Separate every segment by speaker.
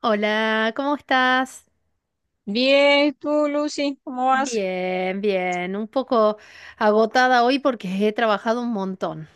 Speaker 1: Hola, ¿cómo estás?
Speaker 2: Bien, tú, Lucy, ¿cómo vas?
Speaker 1: Bien, bien. Un poco agotada hoy porque he trabajado un montón.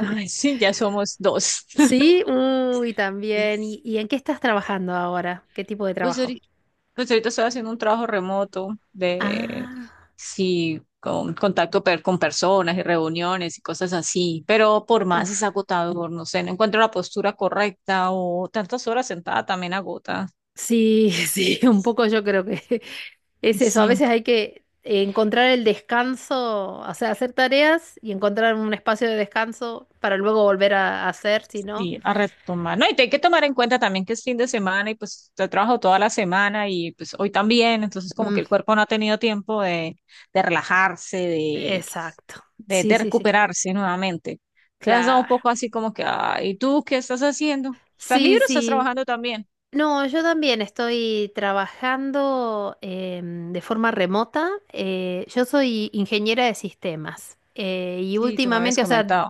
Speaker 2: Ay, sí, ya somos dos.
Speaker 1: Sí, uy, también.
Speaker 2: ¿Ves?
Speaker 1: ¿Y en qué estás trabajando ahora? ¿Qué tipo de
Speaker 2: Pues
Speaker 1: trabajo?
Speaker 2: ahorita, pues ahorita estoy haciendo un trabajo remoto de,
Speaker 1: Ah,
Speaker 2: sí, con con personas y reuniones y cosas así, pero por más
Speaker 1: uf.
Speaker 2: es agotador, no sé, no encuentro la postura correcta o tantas horas sentada también agota.
Speaker 1: Sí, sí, un poco yo creo que es eso. A
Speaker 2: Sí.
Speaker 1: veces hay que encontrar el descanso, o sea, hacer tareas y encontrar un espacio de descanso para luego volver a hacer, si no.
Speaker 2: Sí, a retomar. No, y te hay que tomar en cuenta también que es fin de semana y pues te trabajo toda la semana y pues hoy también, entonces como que
Speaker 1: Mm,
Speaker 2: el cuerpo no ha tenido tiempo de relajarse, de,
Speaker 1: exacto. Sí,
Speaker 2: de
Speaker 1: sí, sí.
Speaker 2: recuperarse nuevamente. Entonces da
Speaker 1: Claro.
Speaker 2: un poco así como que, ah, ¿y tú qué estás haciendo? ¿Estás
Speaker 1: Sí,
Speaker 2: libre o estás
Speaker 1: sí.
Speaker 2: trabajando también?
Speaker 1: No, yo también estoy trabajando de forma remota. Yo soy ingeniera de sistemas y
Speaker 2: Sí, tú me habías
Speaker 1: últimamente, o sea,
Speaker 2: comentado.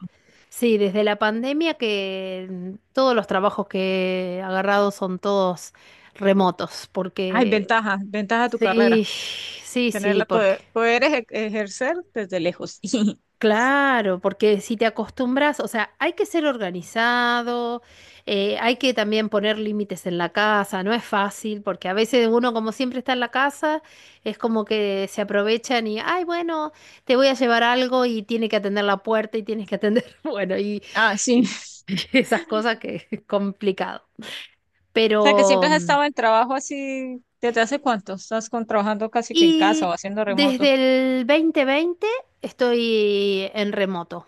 Speaker 1: sí, desde la pandemia que todos los trabajos que he agarrado son todos remotos,
Speaker 2: Ay,
Speaker 1: porque
Speaker 2: ventaja, ventaja de tu carrera,
Speaker 1: sí, sí, sí,
Speaker 2: tenerla,
Speaker 1: porque
Speaker 2: poder, ejercer desde lejos.
Speaker 1: claro, porque si te acostumbras, o sea, hay que ser organizado, hay que también poner límites en la casa, no es fácil, porque a veces uno como siempre está en la casa, es como que se aprovechan y, ay, bueno, te voy a llevar algo y tiene que atender la puerta y tienes que atender, bueno, y,
Speaker 2: Ah, sí.
Speaker 1: esas cosas que es complicado.
Speaker 2: O sea, que siempre
Speaker 1: Pero,
Speaker 2: has
Speaker 1: mm,
Speaker 2: estado en trabajo así, ¿desde hace cuánto? ¿Estás con, trabajando casi que en casa
Speaker 1: y
Speaker 2: o haciendo remoto?
Speaker 1: desde el 2020 estoy en remoto,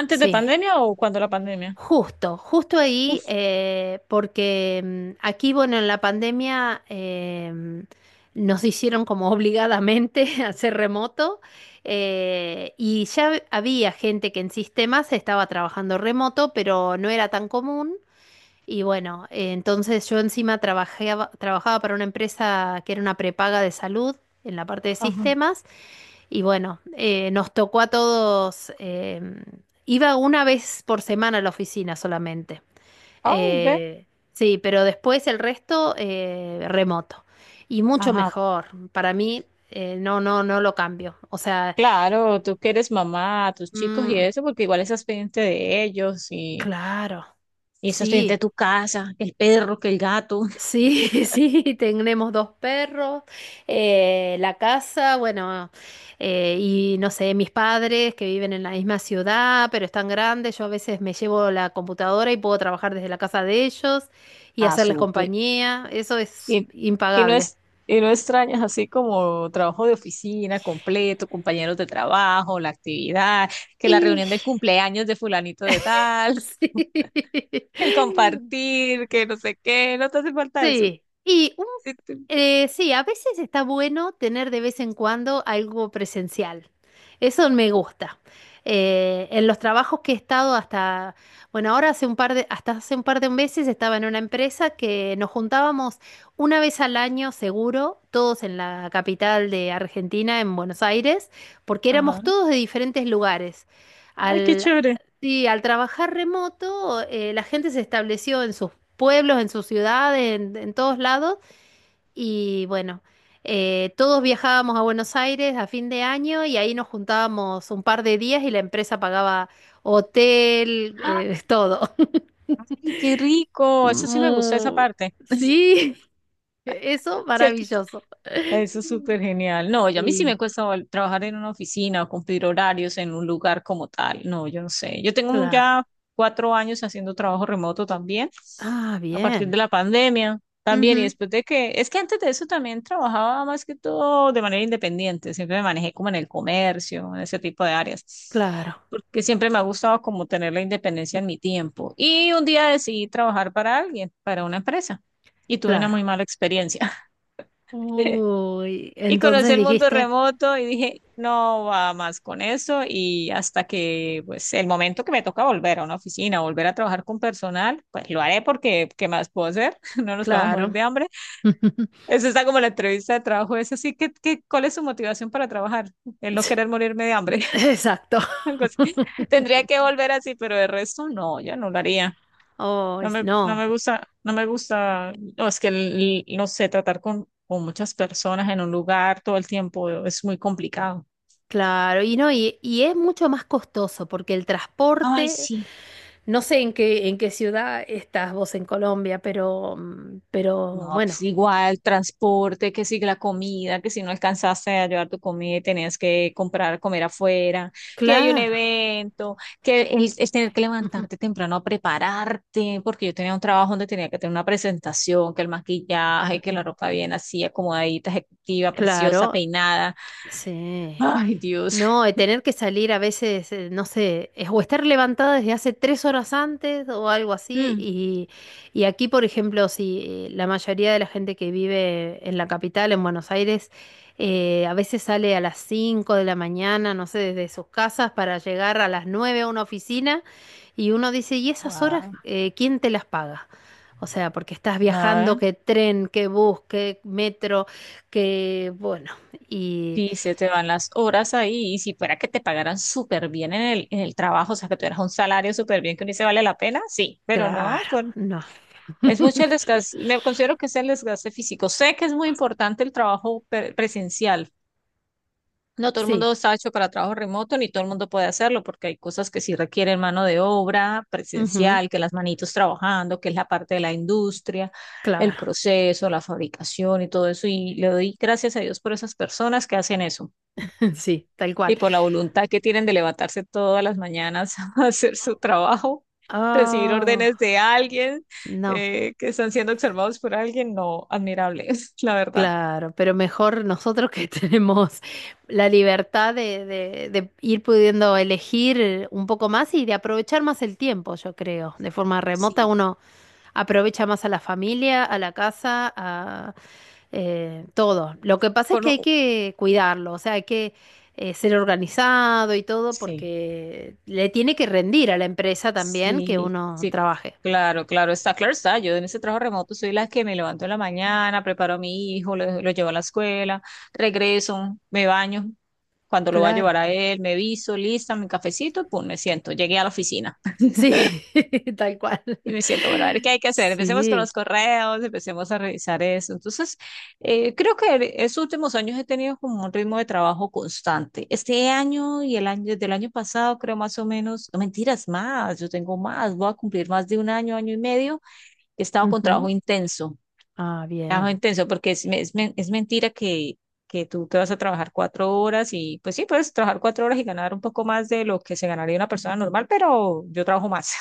Speaker 2: ¿Antes de
Speaker 1: sí.
Speaker 2: pandemia o cuando la pandemia?
Speaker 1: Justo, justo ahí,
Speaker 2: Uf,
Speaker 1: porque aquí, bueno, en la pandemia nos hicieron como obligadamente hacer remoto y ya había gente que en sistemas estaba trabajando remoto, pero no era tan común. Y bueno, entonces yo encima trabajaba para una empresa que era una prepaga de salud en la parte de
Speaker 2: ajá.
Speaker 1: sistemas y bueno, nos tocó a todos, iba una vez por semana a la oficina solamente.
Speaker 2: Ay, ve.
Speaker 1: Eh, sí, pero después el resto remoto. Y mucho
Speaker 2: Ajá.
Speaker 1: mejor. Para mí, no, no, no lo cambio. O sea,
Speaker 2: Claro, tú que eres mamá, tus chicos y
Speaker 1: mm,
Speaker 2: eso, porque igual estás pendiente de ellos
Speaker 1: claro,
Speaker 2: y estás pendiente de
Speaker 1: sí.
Speaker 2: tu casa, que el perro, que el gato.
Speaker 1: Sí, sí, tenemos dos perros, la casa, bueno, y no sé, mis padres que viven en la misma ciudad, pero están grandes, yo a veces me llevo la computadora y puedo trabajar desde la casa de ellos y
Speaker 2: Ah,
Speaker 1: hacerles
Speaker 2: súper.
Speaker 1: compañía, eso es
Speaker 2: Y, y no
Speaker 1: impagable.
Speaker 2: es, y no extrañas así como trabajo de oficina completo, compañeros de trabajo, la actividad, que la
Speaker 1: Y
Speaker 2: reunión del cumpleaños de fulanito de tal.
Speaker 1: sí,
Speaker 2: El compartir, que no sé qué, no te hace falta eso.
Speaker 1: sí. Y
Speaker 2: Sí, tú-
Speaker 1: Sí, a veces está bueno tener de vez en cuando algo presencial. Eso me gusta. En los trabajos que he estado hasta, bueno, ahora hace un par de, hasta hace un par de meses estaba en una empresa que nos juntábamos una vez al año seguro, todos en la capital de Argentina, en Buenos Aires, porque
Speaker 2: ajá.
Speaker 1: éramos todos de diferentes lugares.
Speaker 2: Ay, qué
Speaker 1: Al,
Speaker 2: chévere.
Speaker 1: sí, al trabajar remoto, la gente se estableció en sus pueblos, en sus ciudades, en todos lados y bueno, todos viajábamos a Buenos Aires a fin de año y ahí nos juntábamos un par de días y la empresa pagaba hotel,
Speaker 2: ¡Ah!
Speaker 1: todo.
Speaker 2: Ay, qué rico. Eso sí me gustó esa
Speaker 1: Mu-
Speaker 2: parte.
Speaker 1: sí, eso
Speaker 2: ¿Cierto?
Speaker 1: maravilloso.
Speaker 2: Eso es súper genial. No, yo a mí sí me
Speaker 1: Sí,
Speaker 2: cuesta trabajar en una oficina o cumplir horarios en un lugar como tal. No, yo no sé.
Speaker 1: claro.
Speaker 2: Ya 4 años haciendo trabajo remoto también,
Speaker 1: Ah,
Speaker 2: a partir
Speaker 1: bien.
Speaker 2: de la pandemia también. Y
Speaker 1: Ujú,
Speaker 2: después de que, es que antes de eso también trabajaba más que todo de manera independiente. Siempre me manejé como en el comercio, en ese tipo de áreas.
Speaker 1: claro,
Speaker 2: Porque siempre me ha gustado como tener la independencia en mi tiempo. Y un día decidí trabajar para alguien, para una empresa. Y tuve una muy
Speaker 1: claro.
Speaker 2: mala experiencia.
Speaker 1: Uy,
Speaker 2: Y conocí
Speaker 1: entonces
Speaker 2: el mundo
Speaker 1: dijiste,
Speaker 2: remoto y dije, no va más con eso. Y hasta que, pues, el momento que me toca volver a una oficina, volver a trabajar con personal, pues lo haré porque, ¿qué más puedo hacer? No nos podemos morir
Speaker 1: claro.
Speaker 2: de hambre. Eso está como la entrevista de trabajo. Es así ¿cuál es su motivación para trabajar? El no querer morirme de hambre.
Speaker 1: Exacto.
Speaker 2: Algo así. Tendría que volver así, pero de resto no, yo no lo haría.
Speaker 1: Oh,
Speaker 2: No
Speaker 1: no.
Speaker 2: me gusta, no me gusta, no, es que, no sé, tratar con muchas personas en un lugar todo el tiempo es muy complicado.
Speaker 1: Claro, y no, y es mucho más costoso porque el
Speaker 2: Ay,
Speaker 1: transporte,
Speaker 2: sí.
Speaker 1: no sé en qué ciudad estás vos en Colombia, pero, mm, pero
Speaker 2: No,
Speaker 1: bueno,
Speaker 2: pues igual, transporte, que si la comida, que si no alcanzaste a llevar tu comida y tenías que comprar, comer afuera, que hay un
Speaker 1: claro,
Speaker 2: evento, el tener que levantarte temprano a prepararte, porque yo tenía un trabajo donde tenía que tener una presentación, que el maquillaje, que la ropa bien así, acomodadita, ejecutiva, preciosa,
Speaker 1: claro,
Speaker 2: peinada.
Speaker 1: sí.
Speaker 2: Ay, Dios.
Speaker 1: No, de tener que salir a veces, no sé, es o estar levantada desde hace tres horas antes o algo así.
Speaker 2: Mm.
Speaker 1: Y aquí, por ejemplo, si la mayoría de la gente que vive en la capital, en Buenos Aires, a veces sale a las 5 de la mañana, no sé, desde sus casas para llegar a las 9 a una oficina y uno dice, ¿y esas horas
Speaker 2: Wow.
Speaker 1: quién te las paga? O sea, porque estás viajando, que tren, que bus, que metro, que bueno, y
Speaker 2: Sí, se te van las horas ahí y si fuera que te pagaran súper bien en el trabajo, o sea, que tuvieras un salario súper bien que ni se vale la pena, sí, pero no,
Speaker 1: claro.
Speaker 2: por-
Speaker 1: No,
Speaker 2: es mucho el desgaste, me considero que es el desgaste físico. Sé que es muy importante el trabajo presencial. No todo el mundo
Speaker 1: sí,
Speaker 2: está hecho para trabajo remoto, ni todo el mundo puede hacerlo, porque hay cosas que sí requieren mano de obra
Speaker 1: ujú,
Speaker 2: presencial, que las manitos trabajando, que es la parte de la industria, el
Speaker 1: claro,
Speaker 2: proceso, la fabricación y todo eso. Y le doy gracias a Dios por esas personas que hacen eso
Speaker 1: sí, tal cual.
Speaker 2: y por la voluntad que tienen de levantarse todas las mañanas a hacer su trabajo, recibir
Speaker 1: Oh,
Speaker 2: órdenes de alguien,
Speaker 1: no,
Speaker 2: que están siendo observados por alguien, no, admirable, la verdad.
Speaker 1: claro, pero mejor nosotros que tenemos la libertad de, de ir pudiendo elegir un poco más y de aprovechar más el tiempo, yo creo. De forma remota
Speaker 2: Sí,
Speaker 1: aprovecha más a la familia, a la casa, a todo. Lo que pasa es
Speaker 2: por
Speaker 1: que hay
Speaker 2: no-
Speaker 1: que cuidarlo, o sea, hay que ser organizado y todo
Speaker 2: sí,
Speaker 1: porque le tiene que rendir a la empresa también que
Speaker 2: sí,
Speaker 1: uno
Speaker 2: sí,
Speaker 1: trabaje.
Speaker 2: claro, claro, está claro, está. Yo en ese trabajo remoto soy la que me levanto en la mañana, preparo a mi hijo, lo llevo a la escuela, regreso, me baño. Cuando lo voy a
Speaker 1: Claro.
Speaker 2: llevar a él, me visto, lista, mi cafecito, pum, me siento. Llegué a la oficina.
Speaker 1: Sí, tal cual.
Speaker 2: Y me siento, bueno, a ver qué hay que hacer. Empecemos con
Speaker 1: Sí.
Speaker 2: los correos, empecemos a revisar eso. Entonces, creo que en estos últimos años he tenido como un ritmo de trabajo constante. Este año y el año del año pasado, creo más o menos, no mentiras, más, yo tengo más, voy a cumplir más de un año, año y medio. He estado con
Speaker 1: Ujú. Ah,
Speaker 2: trabajo
Speaker 1: bien.
Speaker 2: intenso, porque es, es, es mentira que tú te vas a trabajar 4 horas y pues sí, puedes trabajar 4 horas y ganar un poco más de lo que se ganaría una persona normal, pero yo trabajo más.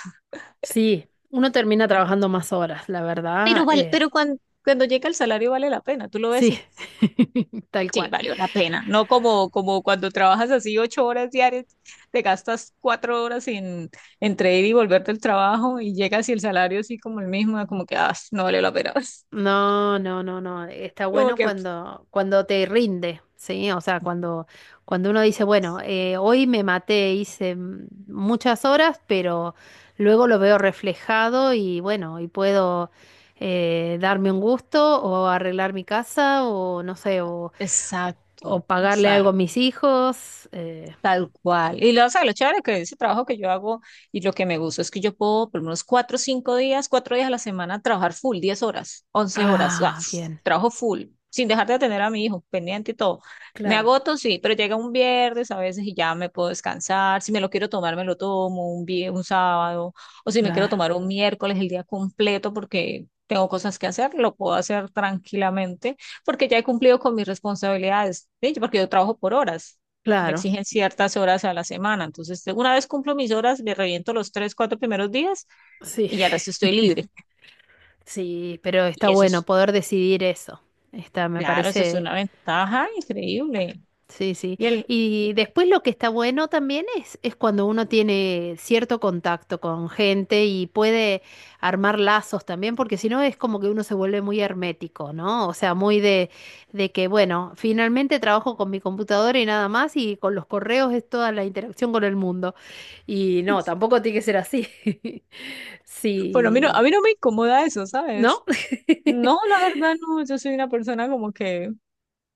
Speaker 1: Sí, uno termina trabajando más horas, la verdad.
Speaker 2: Pero vale, pero cuando, cuando llega el salario vale la pena, tú lo ves
Speaker 1: Sí,
Speaker 2: y
Speaker 1: tal
Speaker 2: sí,
Speaker 1: cual.
Speaker 2: valió la pena, no como, como cuando trabajas así 8 horas diarias, te gastas 4 horas en, entre ir y volver del trabajo y llegas y el salario así como el mismo, como que ah, no vale la pena,
Speaker 1: No, no, no, no. Está
Speaker 2: como
Speaker 1: bueno
Speaker 2: que
Speaker 1: cuando, cuando te rinde, ¿sí? O sea, cuando, cuando uno dice, bueno, hoy me maté, hice muchas horas, pero luego lo veo reflejado y bueno, y puedo darme un gusto o arreglar mi casa o no sé, o
Speaker 2: exacto,
Speaker 1: pagarle algo a
Speaker 2: exacto.
Speaker 1: mis hijos.
Speaker 2: Tal cual. Y lo, o sea, lo chévere que ese trabajo que yo hago y lo que me gusta es que yo puedo por lo menos 4 o 5 días, 4 días a la semana trabajar full, 10 horas, 11 horas, ah,
Speaker 1: Ah, bien.
Speaker 2: trabajo full, sin dejar de atender a mi hijo, pendiente y todo. Me
Speaker 1: Claro,
Speaker 2: agoto, sí, pero llega un viernes a veces y ya me puedo descansar. Si me lo quiero tomar, me lo tomo un un sábado, o si me quiero
Speaker 1: claro,
Speaker 2: tomar un miércoles el día completo porque tengo cosas que hacer, lo puedo hacer tranquilamente porque ya he cumplido con mis responsabilidades, ¿sí? Porque yo trabajo por horas, me
Speaker 1: claro.
Speaker 2: exigen ciertas horas a la semana. Entonces, de- una vez cumplo mis horas, me reviento los tres, cuatro primeros días
Speaker 1: Sí.
Speaker 2: y ya el resto estoy libre.
Speaker 1: Sí, pero está
Speaker 2: Y eso
Speaker 1: bueno
Speaker 2: es,
Speaker 1: poder decidir eso. Está, me
Speaker 2: claro, eso es
Speaker 1: parece,
Speaker 2: una ventaja increíble.
Speaker 1: sí, sí.
Speaker 2: Y el,
Speaker 1: Y después lo que está bueno también es cuando uno tiene cierto contacto con gente y puede armar lazos también, porque si no es como que uno se vuelve muy hermético, ¿no? O sea, muy de que, bueno, finalmente trabajo con mi computadora y nada más, y con los correos es toda la interacción con el mundo. Y no, tampoco tiene que ser así.
Speaker 2: bueno, a
Speaker 1: Sí,
Speaker 2: mí no me incomoda eso,
Speaker 1: ¿no?
Speaker 2: ¿sabes? No, la verdad no, yo soy una persona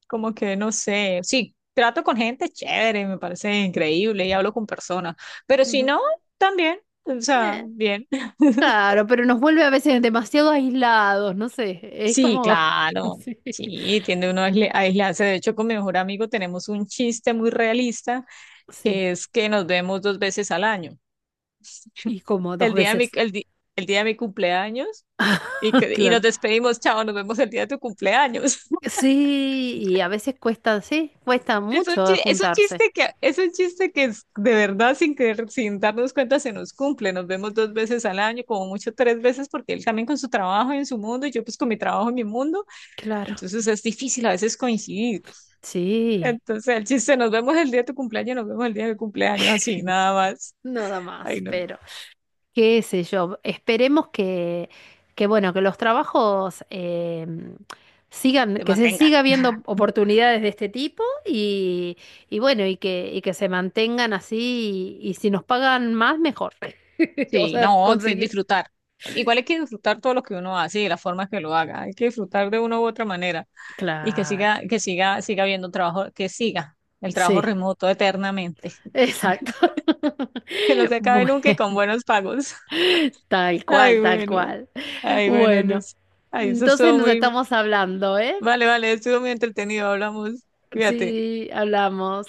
Speaker 2: como que no sé, sí, trato con gente chévere, me parece increíble y hablo con personas, pero si
Speaker 1: Ujú.
Speaker 2: no, también, o sea, bien.
Speaker 1: Claro, pero nos vuelve a veces demasiado aislados, no sé, es
Speaker 2: Sí,
Speaker 1: como...
Speaker 2: claro.
Speaker 1: Sí,
Speaker 2: Sí, tiende uno a a aislarse. De hecho, con mi mejor amigo tenemos un chiste muy realista,
Speaker 1: sí,
Speaker 2: que es que nos vemos 2 veces al año.
Speaker 1: y como dos
Speaker 2: El día de mi,
Speaker 1: veces,
Speaker 2: el día de mi cumpleaños y, y
Speaker 1: claro.
Speaker 2: nos despedimos, chao, nos vemos el día de tu cumpleaños.
Speaker 1: Sí, y a veces cuesta, sí, cuesta
Speaker 2: Es un,
Speaker 1: mucho juntarse.
Speaker 2: es un chiste que es de verdad, sin querer, sin darnos cuenta, se nos cumple. Nos vemos dos veces al año, como mucho 3 veces, porque él también con su trabajo y en su mundo, y yo pues con mi trabajo en mi mundo.
Speaker 1: Claro,
Speaker 2: Entonces es difícil a veces coincidir.
Speaker 1: sí,
Speaker 2: Entonces, el chiste, nos vemos el día de tu cumpleaños, nos vemos el día de mi cumpleaños, así, nada más.
Speaker 1: nada
Speaker 2: Ay,
Speaker 1: más,
Speaker 2: no.
Speaker 1: pero... qué sé yo, esperemos que bueno, que los trabajos sigan,
Speaker 2: Te
Speaker 1: que se
Speaker 2: mantengan.
Speaker 1: siga viendo oportunidades de este tipo y bueno, y que se mantengan así y si nos pagan más, mejor. O
Speaker 2: Sí,
Speaker 1: sea,
Speaker 2: no, sí,
Speaker 1: conseguir.
Speaker 2: disfrutar. Igual hay que disfrutar todo lo que uno hace y de la forma que lo haga. Hay que disfrutar de una u otra manera y
Speaker 1: Claro,
Speaker 2: que siga, siga habiendo trabajo, que siga el trabajo
Speaker 1: sí,
Speaker 2: remoto eternamente.
Speaker 1: exacto.
Speaker 2: Que no se acabe nunca y con
Speaker 1: Bueno,
Speaker 2: buenos pagos.
Speaker 1: tal
Speaker 2: Ay,
Speaker 1: cual, tal
Speaker 2: bueno.
Speaker 1: cual.
Speaker 2: Ay, bueno,
Speaker 1: Bueno,
Speaker 2: Luz. Ay, eso
Speaker 1: entonces
Speaker 2: estuvo
Speaker 1: nos
Speaker 2: muy,
Speaker 1: estamos hablando, ¿eh?
Speaker 2: vale, vale, estuvo muy entretenido. Hablamos. Fíjate.
Speaker 1: Sí, hablamos.